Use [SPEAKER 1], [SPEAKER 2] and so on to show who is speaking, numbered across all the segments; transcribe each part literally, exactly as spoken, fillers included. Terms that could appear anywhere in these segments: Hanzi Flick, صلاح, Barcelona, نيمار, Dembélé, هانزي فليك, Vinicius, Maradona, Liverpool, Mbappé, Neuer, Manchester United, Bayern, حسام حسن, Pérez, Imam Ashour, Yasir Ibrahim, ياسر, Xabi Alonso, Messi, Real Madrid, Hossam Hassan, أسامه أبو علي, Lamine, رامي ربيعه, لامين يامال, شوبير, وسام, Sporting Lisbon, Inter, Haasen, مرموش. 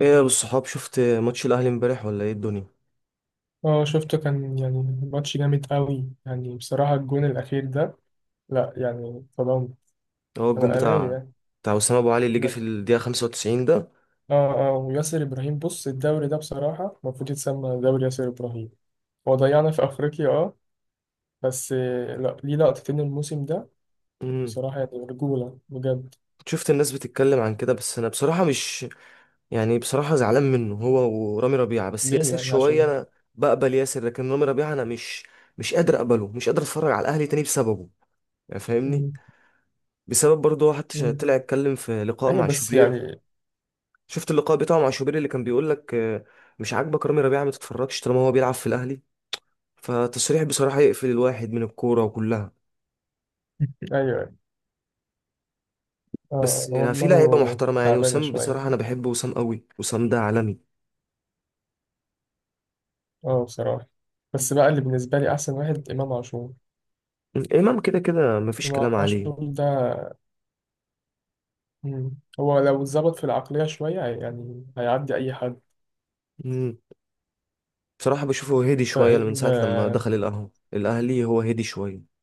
[SPEAKER 1] ايه يا ابو الصحاب، شفت ماتش الاهلي امبارح ولا ايه الدنيا؟
[SPEAKER 2] اه شفته كان يعني ماتش جامد قوي يعني بصراحة الجون الأخير ده. لا يعني طبعا
[SPEAKER 1] هو الجون
[SPEAKER 2] أنا أهلاوي
[SPEAKER 1] بتاع
[SPEAKER 2] يعني.
[SPEAKER 1] بتاع اسامه ابو علي اللي جه في
[SPEAKER 2] لا،
[SPEAKER 1] الدقيقه خمسة وتسعين ده.
[SPEAKER 2] اه اه. وياسر إبراهيم، بص الدوري ده بصراحة المفروض يتسمى دوري ياسر إبراهيم. هو ضيعنا في أفريقيا، اه بس آه، لا، ليه لقطتين الموسم ده
[SPEAKER 1] امم.
[SPEAKER 2] بصراحة، يعني رجولة بجد.
[SPEAKER 1] شفت الناس بتتكلم عن كده، بس انا بصراحه مش يعني، بصراحه زعلان منه، هو ورامي ربيعه، بس
[SPEAKER 2] ليه
[SPEAKER 1] ياسر
[SPEAKER 2] يعني؟
[SPEAKER 1] شويه
[SPEAKER 2] عشان.
[SPEAKER 1] انا بقبل ياسر، لكن رامي ربيعه انا مش مش قادر اقبله، مش قادر اتفرج على الاهلي تاني بسببه، يعني فاهمني.
[SPEAKER 2] مم،
[SPEAKER 1] بسبب برضه واحد ش-
[SPEAKER 2] مم.
[SPEAKER 1] طلع اتكلم في لقاء
[SPEAKER 2] أيوه
[SPEAKER 1] مع
[SPEAKER 2] بس
[SPEAKER 1] شوبير.
[SPEAKER 2] يعني،
[SPEAKER 1] شفت اللقاء بتاعه مع شوبير اللي كان بيقول لك آه، مش عاجبك رامي ربيعه، ما تتفرجش طالما هو بيلعب في الاهلي، فالتصريح بصراحة يقفل الواحد من الكورة كلها.
[SPEAKER 2] أيوه
[SPEAKER 1] بس
[SPEAKER 2] اه، هو
[SPEAKER 1] يعني في لعيبة
[SPEAKER 2] دماغه
[SPEAKER 1] محترمة، يعني
[SPEAKER 2] تعبانة
[SPEAKER 1] وسام،
[SPEAKER 2] شوية.
[SPEAKER 1] بصراحة أنا بحب وسام قوي، وسام ده عالمي.
[SPEAKER 2] اه بصراحة. بس بقى اللي بالنسبة لي أحسن واحد إمام عاشور.
[SPEAKER 1] إمام كده كده مفيش
[SPEAKER 2] إمام
[SPEAKER 1] كلام عليه.
[SPEAKER 2] عاشور ده، مم، هو لو اتظبط في العقلية شوية يعني هيعدي أي حد.
[SPEAKER 1] مم. بصراحة بشوفه هادي شوية من
[SPEAKER 2] فإن
[SPEAKER 1] ساعة لما
[SPEAKER 2] آه
[SPEAKER 1] دخل القهوة الأهلي، هو هادي شوية.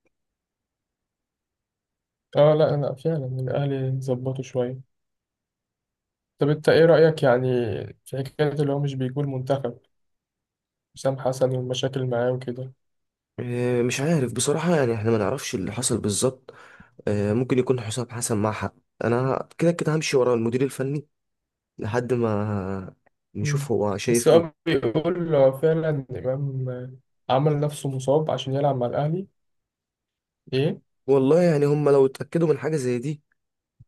[SPEAKER 2] آه، لا لا، فعلا الأهلي ظبطوا شوية. طب أنت إيه رأيك يعني في حكاية اللي هو مش بيقول منتخب حسام حسن والمشاكل معاه وكده؟
[SPEAKER 1] إيه، مش عارف بصراحة، يعني احنا ما نعرفش اللي حصل بالظبط. إيه، ممكن يكون حسام حسن مع حق. أنا كده كده همشي ورا المدير الفني لحد ما
[SPEAKER 2] مم.
[SPEAKER 1] نشوف هو
[SPEAKER 2] بس
[SPEAKER 1] شايف إيه.
[SPEAKER 2] هو بيقول هو فعلا إمام عمل نفسه مصاب عشان يلعب مع الأهلي. إيه؟
[SPEAKER 1] والله يعني هم لو اتأكدوا من حاجة زي دي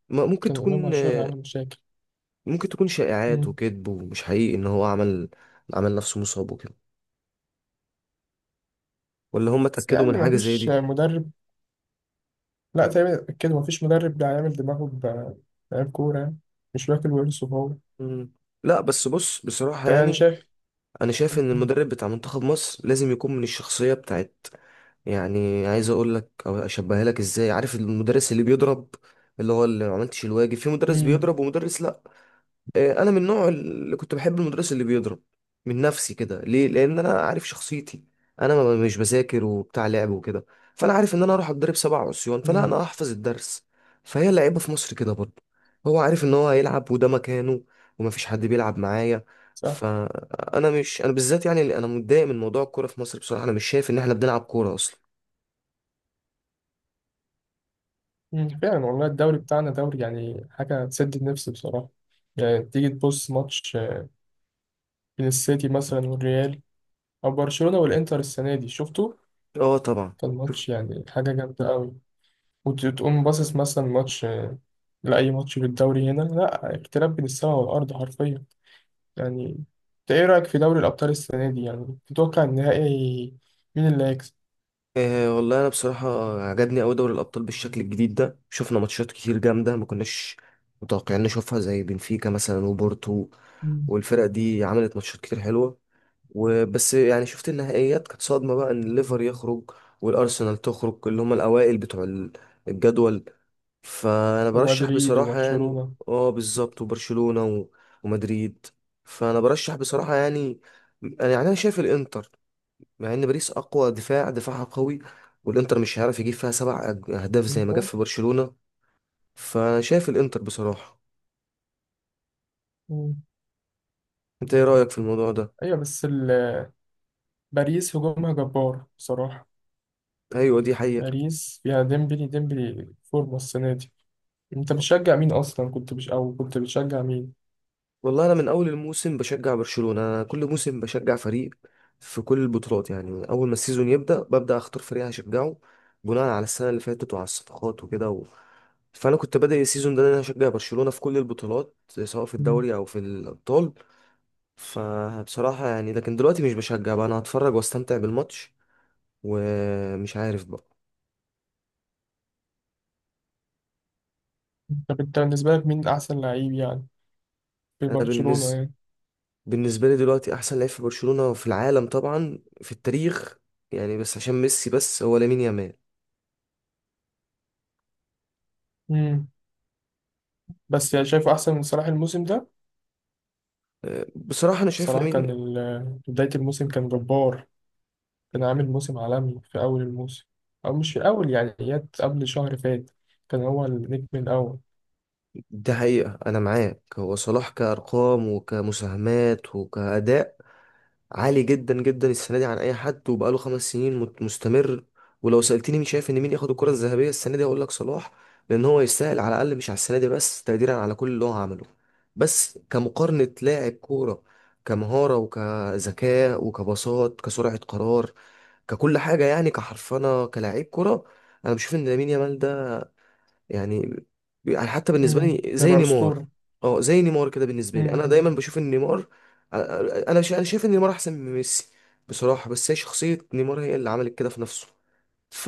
[SPEAKER 1] ما- ممكن
[SPEAKER 2] كان إمام
[SPEAKER 1] تكون
[SPEAKER 2] عاشور عمل مشاكل.
[SPEAKER 1] ممكن تكون شائعات
[SPEAKER 2] مم.
[SPEAKER 1] وكذب ومش حقيقي ان هو عمل عمل نفسه مصاب وكده، ولا هم
[SPEAKER 2] بس
[SPEAKER 1] اتأكدوا من
[SPEAKER 2] يعني
[SPEAKER 1] حاجة زي
[SPEAKER 2] مفيش
[SPEAKER 1] دي.
[SPEAKER 2] مدرب، لا تقريبا كده مفيش مدرب بيعمل دماغه بلعيب كورة يعني. مش واكل ورثه هو.
[SPEAKER 1] مم. لا بس بص، بصراحة
[SPEAKER 2] فيعني
[SPEAKER 1] يعني
[SPEAKER 2] شايف.
[SPEAKER 1] انا شايف ان
[SPEAKER 2] مم.
[SPEAKER 1] المدرب بتاع منتخب مصر لازم يكون من الشخصية بتاعت. يعني عايز اقول لك او اشبهها لك ازاي، عارف المدرس اللي بيضرب، اللي هو اللي ما عملتش الواجب، في مدرس
[SPEAKER 2] مم.
[SPEAKER 1] بيضرب ومدرس لا. آه، انا من النوع اللي كنت بحب المدرس اللي بيضرب من نفسي كده، ليه؟ لان انا عارف شخصيتي، انا ما- مش بذاكر وبتاع لعب وكده، فانا عارف ان انا اروح اتضرب سبع عصيان فلا
[SPEAKER 2] مم.
[SPEAKER 1] انا احفظ الدرس. فهي اللعيبه في مصر كده برضه، هو عارف ان هو هيلعب وده مكانه، ومفيش حد بيلعب معايا،
[SPEAKER 2] صح.
[SPEAKER 1] فانا مش انا بالذات، يعني اللي انا متضايق من موضوع الكوره في مصر، بصراحه انا مش شايف ان احنا بنلعب كوره اصلا.
[SPEAKER 2] مم، فعلا والله الدوري بتاعنا دوري يعني حاجة تسد النفس بصراحة. يعني تيجي تبص ماتش آه، بين السيتي مثلا والريال، أو برشلونة والإنتر السنة دي، شفتوا
[SPEAKER 1] اه طبعا.
[SPEAKER 2] كان ماتش يعني حاجة جامدة أوي. وتقوم باصص مثلا ماتش آه، لأي ماتش في الدوري هنا، لا، اختلاف بين السماء والأرض حرفيا يعني. أنت إيه رأيك في دوري الأبطال السنة دي؟ يعني تتوقع النهائي مين اللي هيكسب؟
[SPEAKER 1] آه، والله انا بصراحه عجبني قوي دوري الابطال بالشكل الجديد ده، شفنا ماتشات كتير جامده ما كناش متوقعين نشوفها، زي بنفيكا مثلا وبورتو،
[SPEAKER 2] مم.
[SPEAKER 1] والفرق دي عملت ماتشات كتير حلوه. وبس يعني شفت النهائيات كانت صدمه بقى ان الليفر يخرج والارسنال تخرج، اللي هم الاوائل بتوع ال- الجدول. فانا برشح
[SPEAKER 2] ومدريد
[SPEAKER 1] بصراحه يعني،
[SPEAKER 2] وبرشلونة.
[SPEAKER 1] اه بالظبط، وبرشلونه و- ومدريد. فانا برشح بصراحه يعني، انا يعني انا شايف الانتر، مع ان باريس اقوى دفاع، دفاعها قوي، والانتر مش هيعرف يجيب فيها سبع أج- اهداف زي
[SPEAKER 2] أنت؟
[SPEAKER 1] ما جاب في برشلونة. فشايف الانتر بصراحة، انت ايه رأيك في الموضوع ده؟
[SPEAKER 2] ايوه بس ال- باريس هجومها جبار بصراحة.
[SPEAKER 1] ايوه دي حقيقة.
[SPEAKER 2] باريس فيها ديمبلي، ديمبلي فورمة السنة دي. انت بتشجع مين اصلا؟ كنت بش... او كنت بتشجع مين؟
[SPEAKER 1] والله انا من اول الموسم بشجع برشلونة، انا كل موسم بشجع فريق في كل البطولات، يعني من اول ما السيزون يبدأ ببدأ اختار فريق هشجعه، بناء على السنة اللي فاتت وعلى الصفقات وكده و. فانا كنت بادئ السيزون ده ان انا هشجع برشلونة في كل البطولات، سواء في
[SPEAKER 2] مم.
[SPEAKER 1] الدوري او في الابطال. فبصراحة يعني، لكن دلوقتي مش بشجع بقى، انا هتفرج واستمتع بالماتش، ومش عارف بقى.
[SPEAKER 2] طب انت بالنسبة لك مين احسن لعيب يعني في
[SPEAKER 1] انا
[SPEAKER 2] برشلونة
[SPEAKER 1] بالنسبة،
[SPEAKER 2] يعني؟
[SPEAKER 1] بالنسبة لي دلوقتي احسن لعيب في برشلونة، في العالم طبعا، في التاريخ يعني، بس عشان ميسي، بس هو لامين يامال.
[SPEAKER 2] مم. بس يعني شايف احسن من صلاح الموسم ده؟
[SPEAKER 1] أه، بصراحة انا شايف
[SPEAKER 2] صلاح
[SPEAKER 1] لامين.
[SPEAKER 2] كان ال... بداية الموسم كان جبار. كان عامل موسم عالمي في اول الموسم، او مش في اول، يعني جت قبل شهر فات كان هو النجم الاول.
[SPEAKER 1] ده حقيقة، انا معاك، هو صلاح كأرقام وكمساهمات وكأداء عالي جدا جدا السنه دي عن اي حد، وبقاله خمس سنين مت- مستمر. ولو سالتني مين شايف ان مين ياخد الكره الذهبيه السنه دي هقول لك صلاح، لان هو يستاهل، على الاقل مش على السنه دي بس، تقديرا على كل اللي هو عمله. بس كمقارنه لاعب كوره، كمهاره وكذكاء وكبساط، كسرعه قرار، ككل حاجه يعني، كحرفنه كلاعب كوره، انا بشوف ان لامين يامال ده يعني يعني حتى بالنسبه
[SPEAKER 2] مم،
[SPEAKER 1] لي
[SPEAKER 2] ده
[SPEAKER 1] زي
[SPEAKER 2] بقى
[SPEAKER 1] نيمار.
[SPEAKER 2] اسطورة.
[SPEAKER 1] اه زي نيمار كده، بالنسبه لي
[SPEAKER 2] مم.
[SPEAKER 1] انا
[SPEAKER 2] مم.
[SPEAKER 1] دايما بشوف ان نيمار، انا شا- انا شايف ان نيمار احسن من ميسي بصراحه، بس هي شخصيه نيمار هي اللي عملت كده في نفسه، ف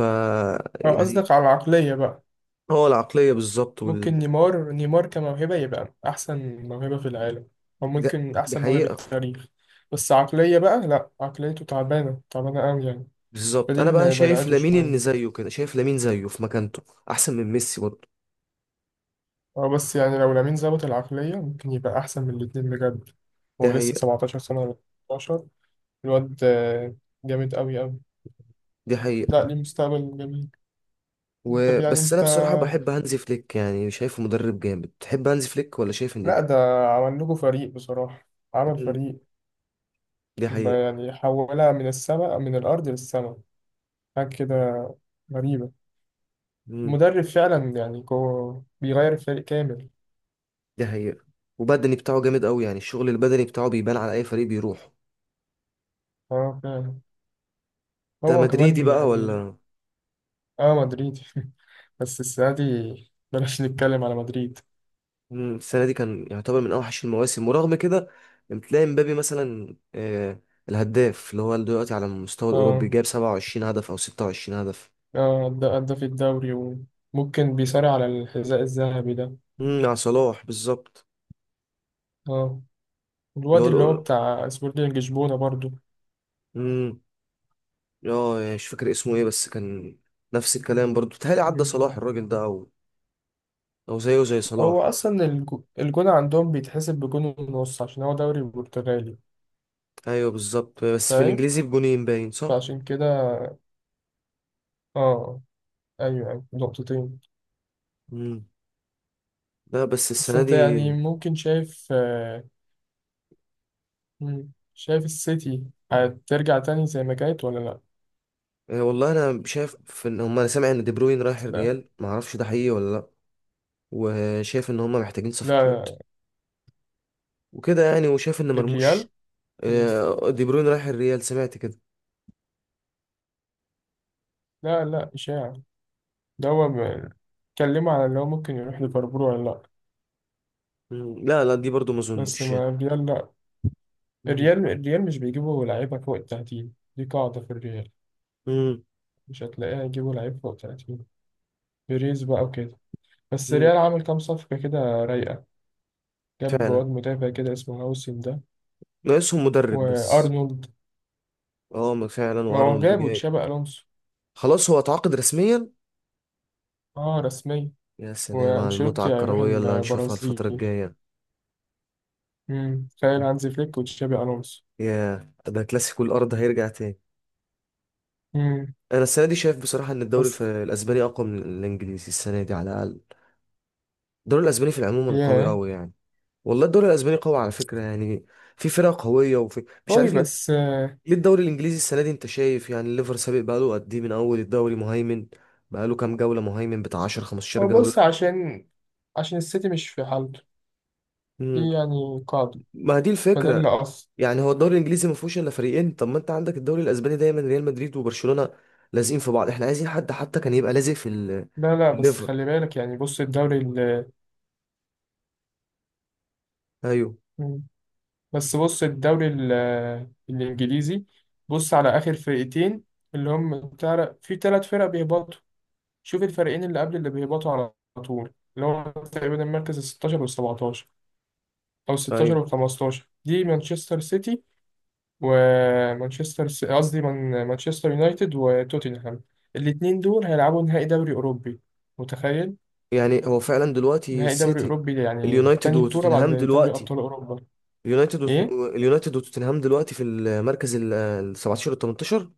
[SPEAKER 2] اه
[SPEAKER 1] يعني
[SPEAKER 2] قصدك على العقلية بقى.
[SPEAKER 1] هو العقليه بالظبط،
[SPEAKER 2] ممكن
[SPEAKER 1] وال.
[SPEAKER 2] نيمار، نيمار كموهبة يبقى أحسن موهبة في العالم، أو
[SPEAKER 1] ده-
[SPEAKER 2] ممكن
[SPEAKER 1] دي
[SPEAKER 2] أحسن موهبة
[SPEAKER 1] حقيقه.
[SPEAKER 2] التاريخ. بس عقلية بقى، لأ، عقليته تعبانة تعبانة أوي يعني.
[SPEAKER 1] بالظبط،
[SPEAKER 2] فدي
[SPEAKER 1] انا بقى
[SPEAKER 2] اللي
[SPEAKER 1] شايف
[SPEAKER 2] ضيعته
[SPEAKER 1] لامين ان
[SPEAKER 2] شوية.
[SPEAKER 1] زيه كده، شايف لامين زيه في مكانته احسن من ميسي برضه.
[SPEAKER 2] أه، بس يعني لو لامين ظبط العقلية ممكن يبقى أحسن من الاتنين بجد.
[SPEAKER 1] دي
[SPEAKER 2] هو لسه
[SPEAKER 1] حقيقه.
[SPEAKER 2] سبعة عشر سنة ولا ثمانية عشر؟ الواد آه، جامد أوي أوي.
[SPEAKER 1] دي
[SPEAKER 2] لأ،
[SPEAKER 1] حقيقه،
[SPEAKER 2] ليه مستقبل جميل. طب يعني
[SPEAKER 1] وبس انا
[SPEAKER 2] أنت،
[SPEAKER 1] بصراحه بحب هانزي فليك، يعني شايفه مدرب جامد، تحب هانزي فليك ولا شايف ان.
[SPEAKER 2] لأ ده عمل لكم فريق بصراحة، عمل
[SPEAKER 1] مم.
[SPEAKER 2] فريق.
[SPEAKER 1] دي
[SPEAKER 2] ب-
[SPEAKER 1] حقيقه.
[SPEAKER 2] يعني حولها من السماء، من الأرض للسماء، حاجة كده غريبة.
[SPEAKER 1] مم.
[SPEAKER 2] المدرب فعلا يعني هو بيغير الفريق كامل.
[SPEAKER 1] دي حقيقة، وبدني بتاعه جامد قوي، يعني الشغل البدني بتاعه بيبان على اي فريق بيروح.
[SPEAKER 2] اه فعلا.
[SPEAKER 1] انت
[SPEAKER 2] هو
[SPEAKER 1] مدريدي
[SPEAKER 2] كمان
[SPEAKER 1] بقى
[SPEAKER 2] يعني،
[SPEAKER 1] ولا؟
[SPEAKER 2] اه مدريدي بس السنة دي بلاش نتكلم على مدريد.
[SPEAKER 1] مم، السنة دي كان يعتبر من اوحش المواسم، ورغم كده بتلاقي مبابي مثلا آه الهداف، اللي هو دلوقتي على المستوى الاوروبي
[SPEAKER 2] اه
[SPEAKER 1] جايب 27 هدف او 26 هدف.
[SPEAKER 2] اه، أدى أدى في الدوري وممكن بيصارع على الحذاء الذهبي ده.
[SPEAKER 1] امم مع صلاح بالظبط.
[SPEAKER 2] اه.
[SPEAKER 1] اللي
[SPEAKER 2] الواد اللي هو
[SPEAKER 1] هو
[SPEAKER 2] بتاع سبورتنج لشبونة برضو.
[SPEAKER 1] امم اه يعني مش فاكر اسمه ايه، بس كان نفس الكلام برضو، بيتهيألي عدى
[SPEAKER 2] مم.
[SPEAKER 1] صلاح الراجل ده، او او زيه زي
[SPEAKER 2] هو
[SPEAKER 1] صلاح.
[SPEAKER 2] أصلا الج- الجون عندهم بيتحسب بجون ونص عشان هو دوري برتغالي.
[SPEAKER 1] ايوه بالظبط، بس في
[SPEAKER 2] فاهم.
[SPEAKER 1] الانجليزي بجونين، باين صح؟
[SPEAKER 2] فعشان كده، اه، أيوه، أيوة، نقطتين.
[SPEAKER 1] مم. لا بس
[SPEAKER 2] بس
[SPEAKER 1] السنة
[SPEAKER 2] انت
[SPEAKER 1] دي
[SPEAKER 2] يعني ممكن شايف آه، مم، شايف السيتي هترجع تاني زي ما كانت ولا لا؟
[SPEAKER 1] آه، والله انا شايف في ان هم، انا سامع ان دي بروين رايح
[SPEAKER 2] لا
[SPEAKER 1] الريال، ما اعرفش ده حقيقي ولا لا، وشايف ان هم محتاجين
[SPEAKER 2] لا،
[SPEAKER 1] صفقات وكده، يعني وشايف ان
[SPEAKER 2] الريال.
[SPEAKER 1] مرموش.
[SPEAKER 2] ولا الس-
[SPEAKER 1] آه، دي بروين رايح الريال، سمعت كده.
[SPEAKER 2] لا لا، إشاعة. ده هو ب- اتكلموا على اللي هو ممكن يروح ليفربول ولا لا؟
[SPEAKER 1] مم، لا لا دي برضو ما
[SPEAKER 2] بس
[SPEAKER 1] اظنش يعني.
[SPEAKER 2] ما الريال، لا.
[SPEAKER 1] مم.
[SPEAKER 2] الريال، الريال مش بيجيبوا لعيبة فوق التلاتين، دي قاعدة في الريال.
[SPEAKER 1] مم.
[SPEAKER 2] مش هتلاقيها يجيبوا لعيب فوق التلاتين، بيريز بقى وكده. بس
[SPEAKER 1] مم.
[SPEAKER 2] الريال عامل كام صفقة كده رايقة. جاب
[SPEAKER 1] فعلا،
[SPEAKER 2] واد مدافع كده اسمه هاوسن ده،
[SPEAKER 1] ناقصهم مدرب بس.
[SPEAKER 2] وأرنولد.
[SPEAKER 1] اه ما فعلا،
[SPEAKER 2] ما هو
[SPEAKER 1] وارنولد
[SPEAKER 2] جابوا
[SPEAKER 1] جاي.
[SPEAKER 2] تشابي ألونسو.
[SPEAKER 1] خلاص، هو اتعاقد رسميا.
[SPEAKER 2] اه رسمية.
[SPEAKER 1] يا سلام على المتعة
[SPEAKER 2] وانشيلوتي هيروح
[SPEAKER 1] الكروية اللي هنشوفها
[SPEAKER 2] البرازيل.
[SPEAKER 1] الفترة الجاية.
[SPEAKER 2] امم، تخيل هانزي فليك وتشابي الونسو.
[SPEAKER 1] يا، ده كلاسيكو الارض هيرجع تاني.
[SPEAKER 2] امم.
[SPEAKER 1] انا السنه دي شايف بصراحه ان الدوري الف-
[SPEAKER 2] بس
[SPEAKER 1] الاسباني اقوى من الانجليزي السنه دي على الاقل. الدوري الاسباني في العموم قوي
[SPEAKER 2] ياه.
[SPEAKER 1] قوي يعني. والله الدوري الاسباني قوي على فكره يعني، في فرق قويه، وفي مش
[SPEAKER 2] قوي
[SPEAKER 1] عارف ليه.
[SPEAKER 2] بس آه،
[SPEAKER 1] ليه الدوري الانجليزي السنه دي انت شايف يعني الليفر سابق، بقاله قد ايه من اول الدوري مهيمن، بقاله كام جوله مهيمن، بتاع عشرة 15
[SPEAKER 2] هو بص،
[SPEAKER 1] جوله.
[SPEAKER 2] عشان عشان السيتي مش في حالته.
[SPEAKER 1] امم
[SPEAKER 2] في يعني قاعدة،
[SPEAKER 1] ما هي دي
[SPEAKER 2] فده اللي
[SPEAKER 1] الفكره،
[SPEAKER 2] قص.
[SPEAKER 1] يعني هو الدوري الانجليزي ما فيهوش الا فريقين، طب ما انت عندك الدوري الاسباني دايما ريال مدريد وبرشلونه لازقين في بعض، احنا عايزين حد حتى كان يبقى لازق في ال-
[SPEAKER 2] لا لا،
[SPEAKER 1] في
[SPEAKER 2] بس
[SPEAKER 1] الليفر.
[SPEAKER 2] خلي بالك، يعني بص الدوري ال
[SPEAKER 1] ايوه.
[SPEAKER 2] مم. بس بص الدوري ال الإنجليزي، بص على آخر فرقتين اللي هم تعرف، في ثلاث فرق بيهبطوا. شوف الفريقين اللي قبل اللي بيهبطوا على طول، اللي هو تقريبا المركز ال ستاشر وال سبعتاشر، او ال ستاشر
[SPEAKER 1] ايوه
[SPEAKER 2] وال خمستاشر، دي مانشستر سيتي، ومانشستر سي- قصدي من- مانشستر يونايتد وتوتنهام. الاتنين دول هيلعبوا نهائي دوري اوروبي، متخيل؟
[SPEAKER 1] يعني هو فعلا دلوقتي
[SPEAKER 2] نهائي دوري
[SPEAKER 1] السيتي،
[SPEAKER 2] اوروبي ده يعني
[SPEAKER 1] اليونايتد
[SPEAKER 2] تاني بطولة بعد
[SPEAKER 1] وتوتنهام
[SPEAKER 2] دوري
[SPEAKER 1] دلوقتي،
[SPEAKER 2] ابطال اوروبا.
[SPEAKER 1] اليونايتد وت-
[SPEAKER 2] ايه
[SPEAKER 1] اليونايتد وتوتنهام دلوقتي في المركز ال ال السابع عشر وال تمنتاشر.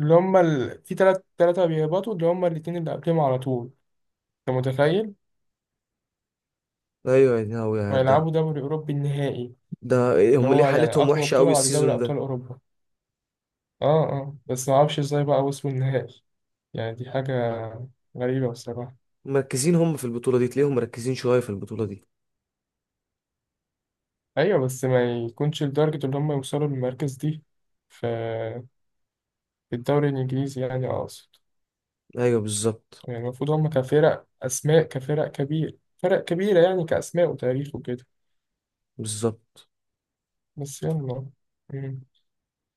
[SPEAKER 2] اللي هما ال... في تلات تلاتة بيهبطوا، اللي هما الاتنين اللي قبلهم على طول، انت متخيل؟
[SPEAKER 1] ايوه، يا هو يا ده
[SPEAKER 2] وهيلعبوا دوري اوروبي النهائي،
[SPEAKER 1] ده إيه،
[SPEAKER 2] اللي
[SPEAKER 1] هم ليه
[SPEAKER 2] هو يعني
[SPEAKER 1] حالتهم
[SPEAKER 2] اقوى
[SPEAKER 1] وحشه
[SPEAKER 2] بطولة
[SPEAKER 1] قوي
[SPEAKER 2] بعد دوري
[SPEAKER 1] السيزون
[SPEAKER 2] ابطال
[SPEAKER 1] ده؟
[SPEAKER 2] اوروبا. اه اه، بس ما اعرفش ازاي بقى وصلوا النهائي. يعني دي حاجة غريبة بصراحة.
[SPEAKER 1] مركزين هم في البطوله دي، تلاقيهم مركزين شويه في البطوله دي.
[SPEAKER 2] ايوه، بس ما يكونش لدرجة ان هم يوصلوا للمركز دي في، في الدوري الانجليزي، يعني اقصد.
[SPEAKER 1] ايوه بالظبط.
[SPEAKER 2] يعني المفروض هم كفرق اسماء، كفرق كبير، فرق كبيرة يعني، كاسماء وتاريخ وكده.
[SPEAKER 1] بالظبط.
[SPEAKER 2] بس يلا. مم.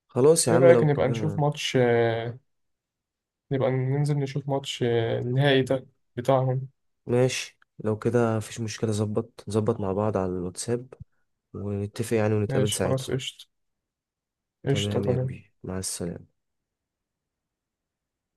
[SPEAKER 1] خلاص يا
[SPEAKER 2] ايه
[SPEAKER 1] عم
[SPEAKER 2] رأيك
[SPEAKER 1] لو
[SPEAKER 2] نبقى نشوف
[SPEAKER 1] كده،
[SPEAKER 2] ماتش آه، نبقى ننزل نشوف ماتش آه، النهائي ده بتاعهم.
[SPEAKER 1] ماشي. لو كده مفيش مشكله، ظبط نظبط مع بعض على الواتساب ونتفق يعني، ونتقابل
[SPEAKER 2] ماشي خلاص
[SPEAKER 1] ساعتها.
[SPEAKER 2] قشطة. قشطة
[SPEAKER 1] تمام يا
[SPEAKER 2] تمام.
[SPEAKER 1] كبير، مع السلامه.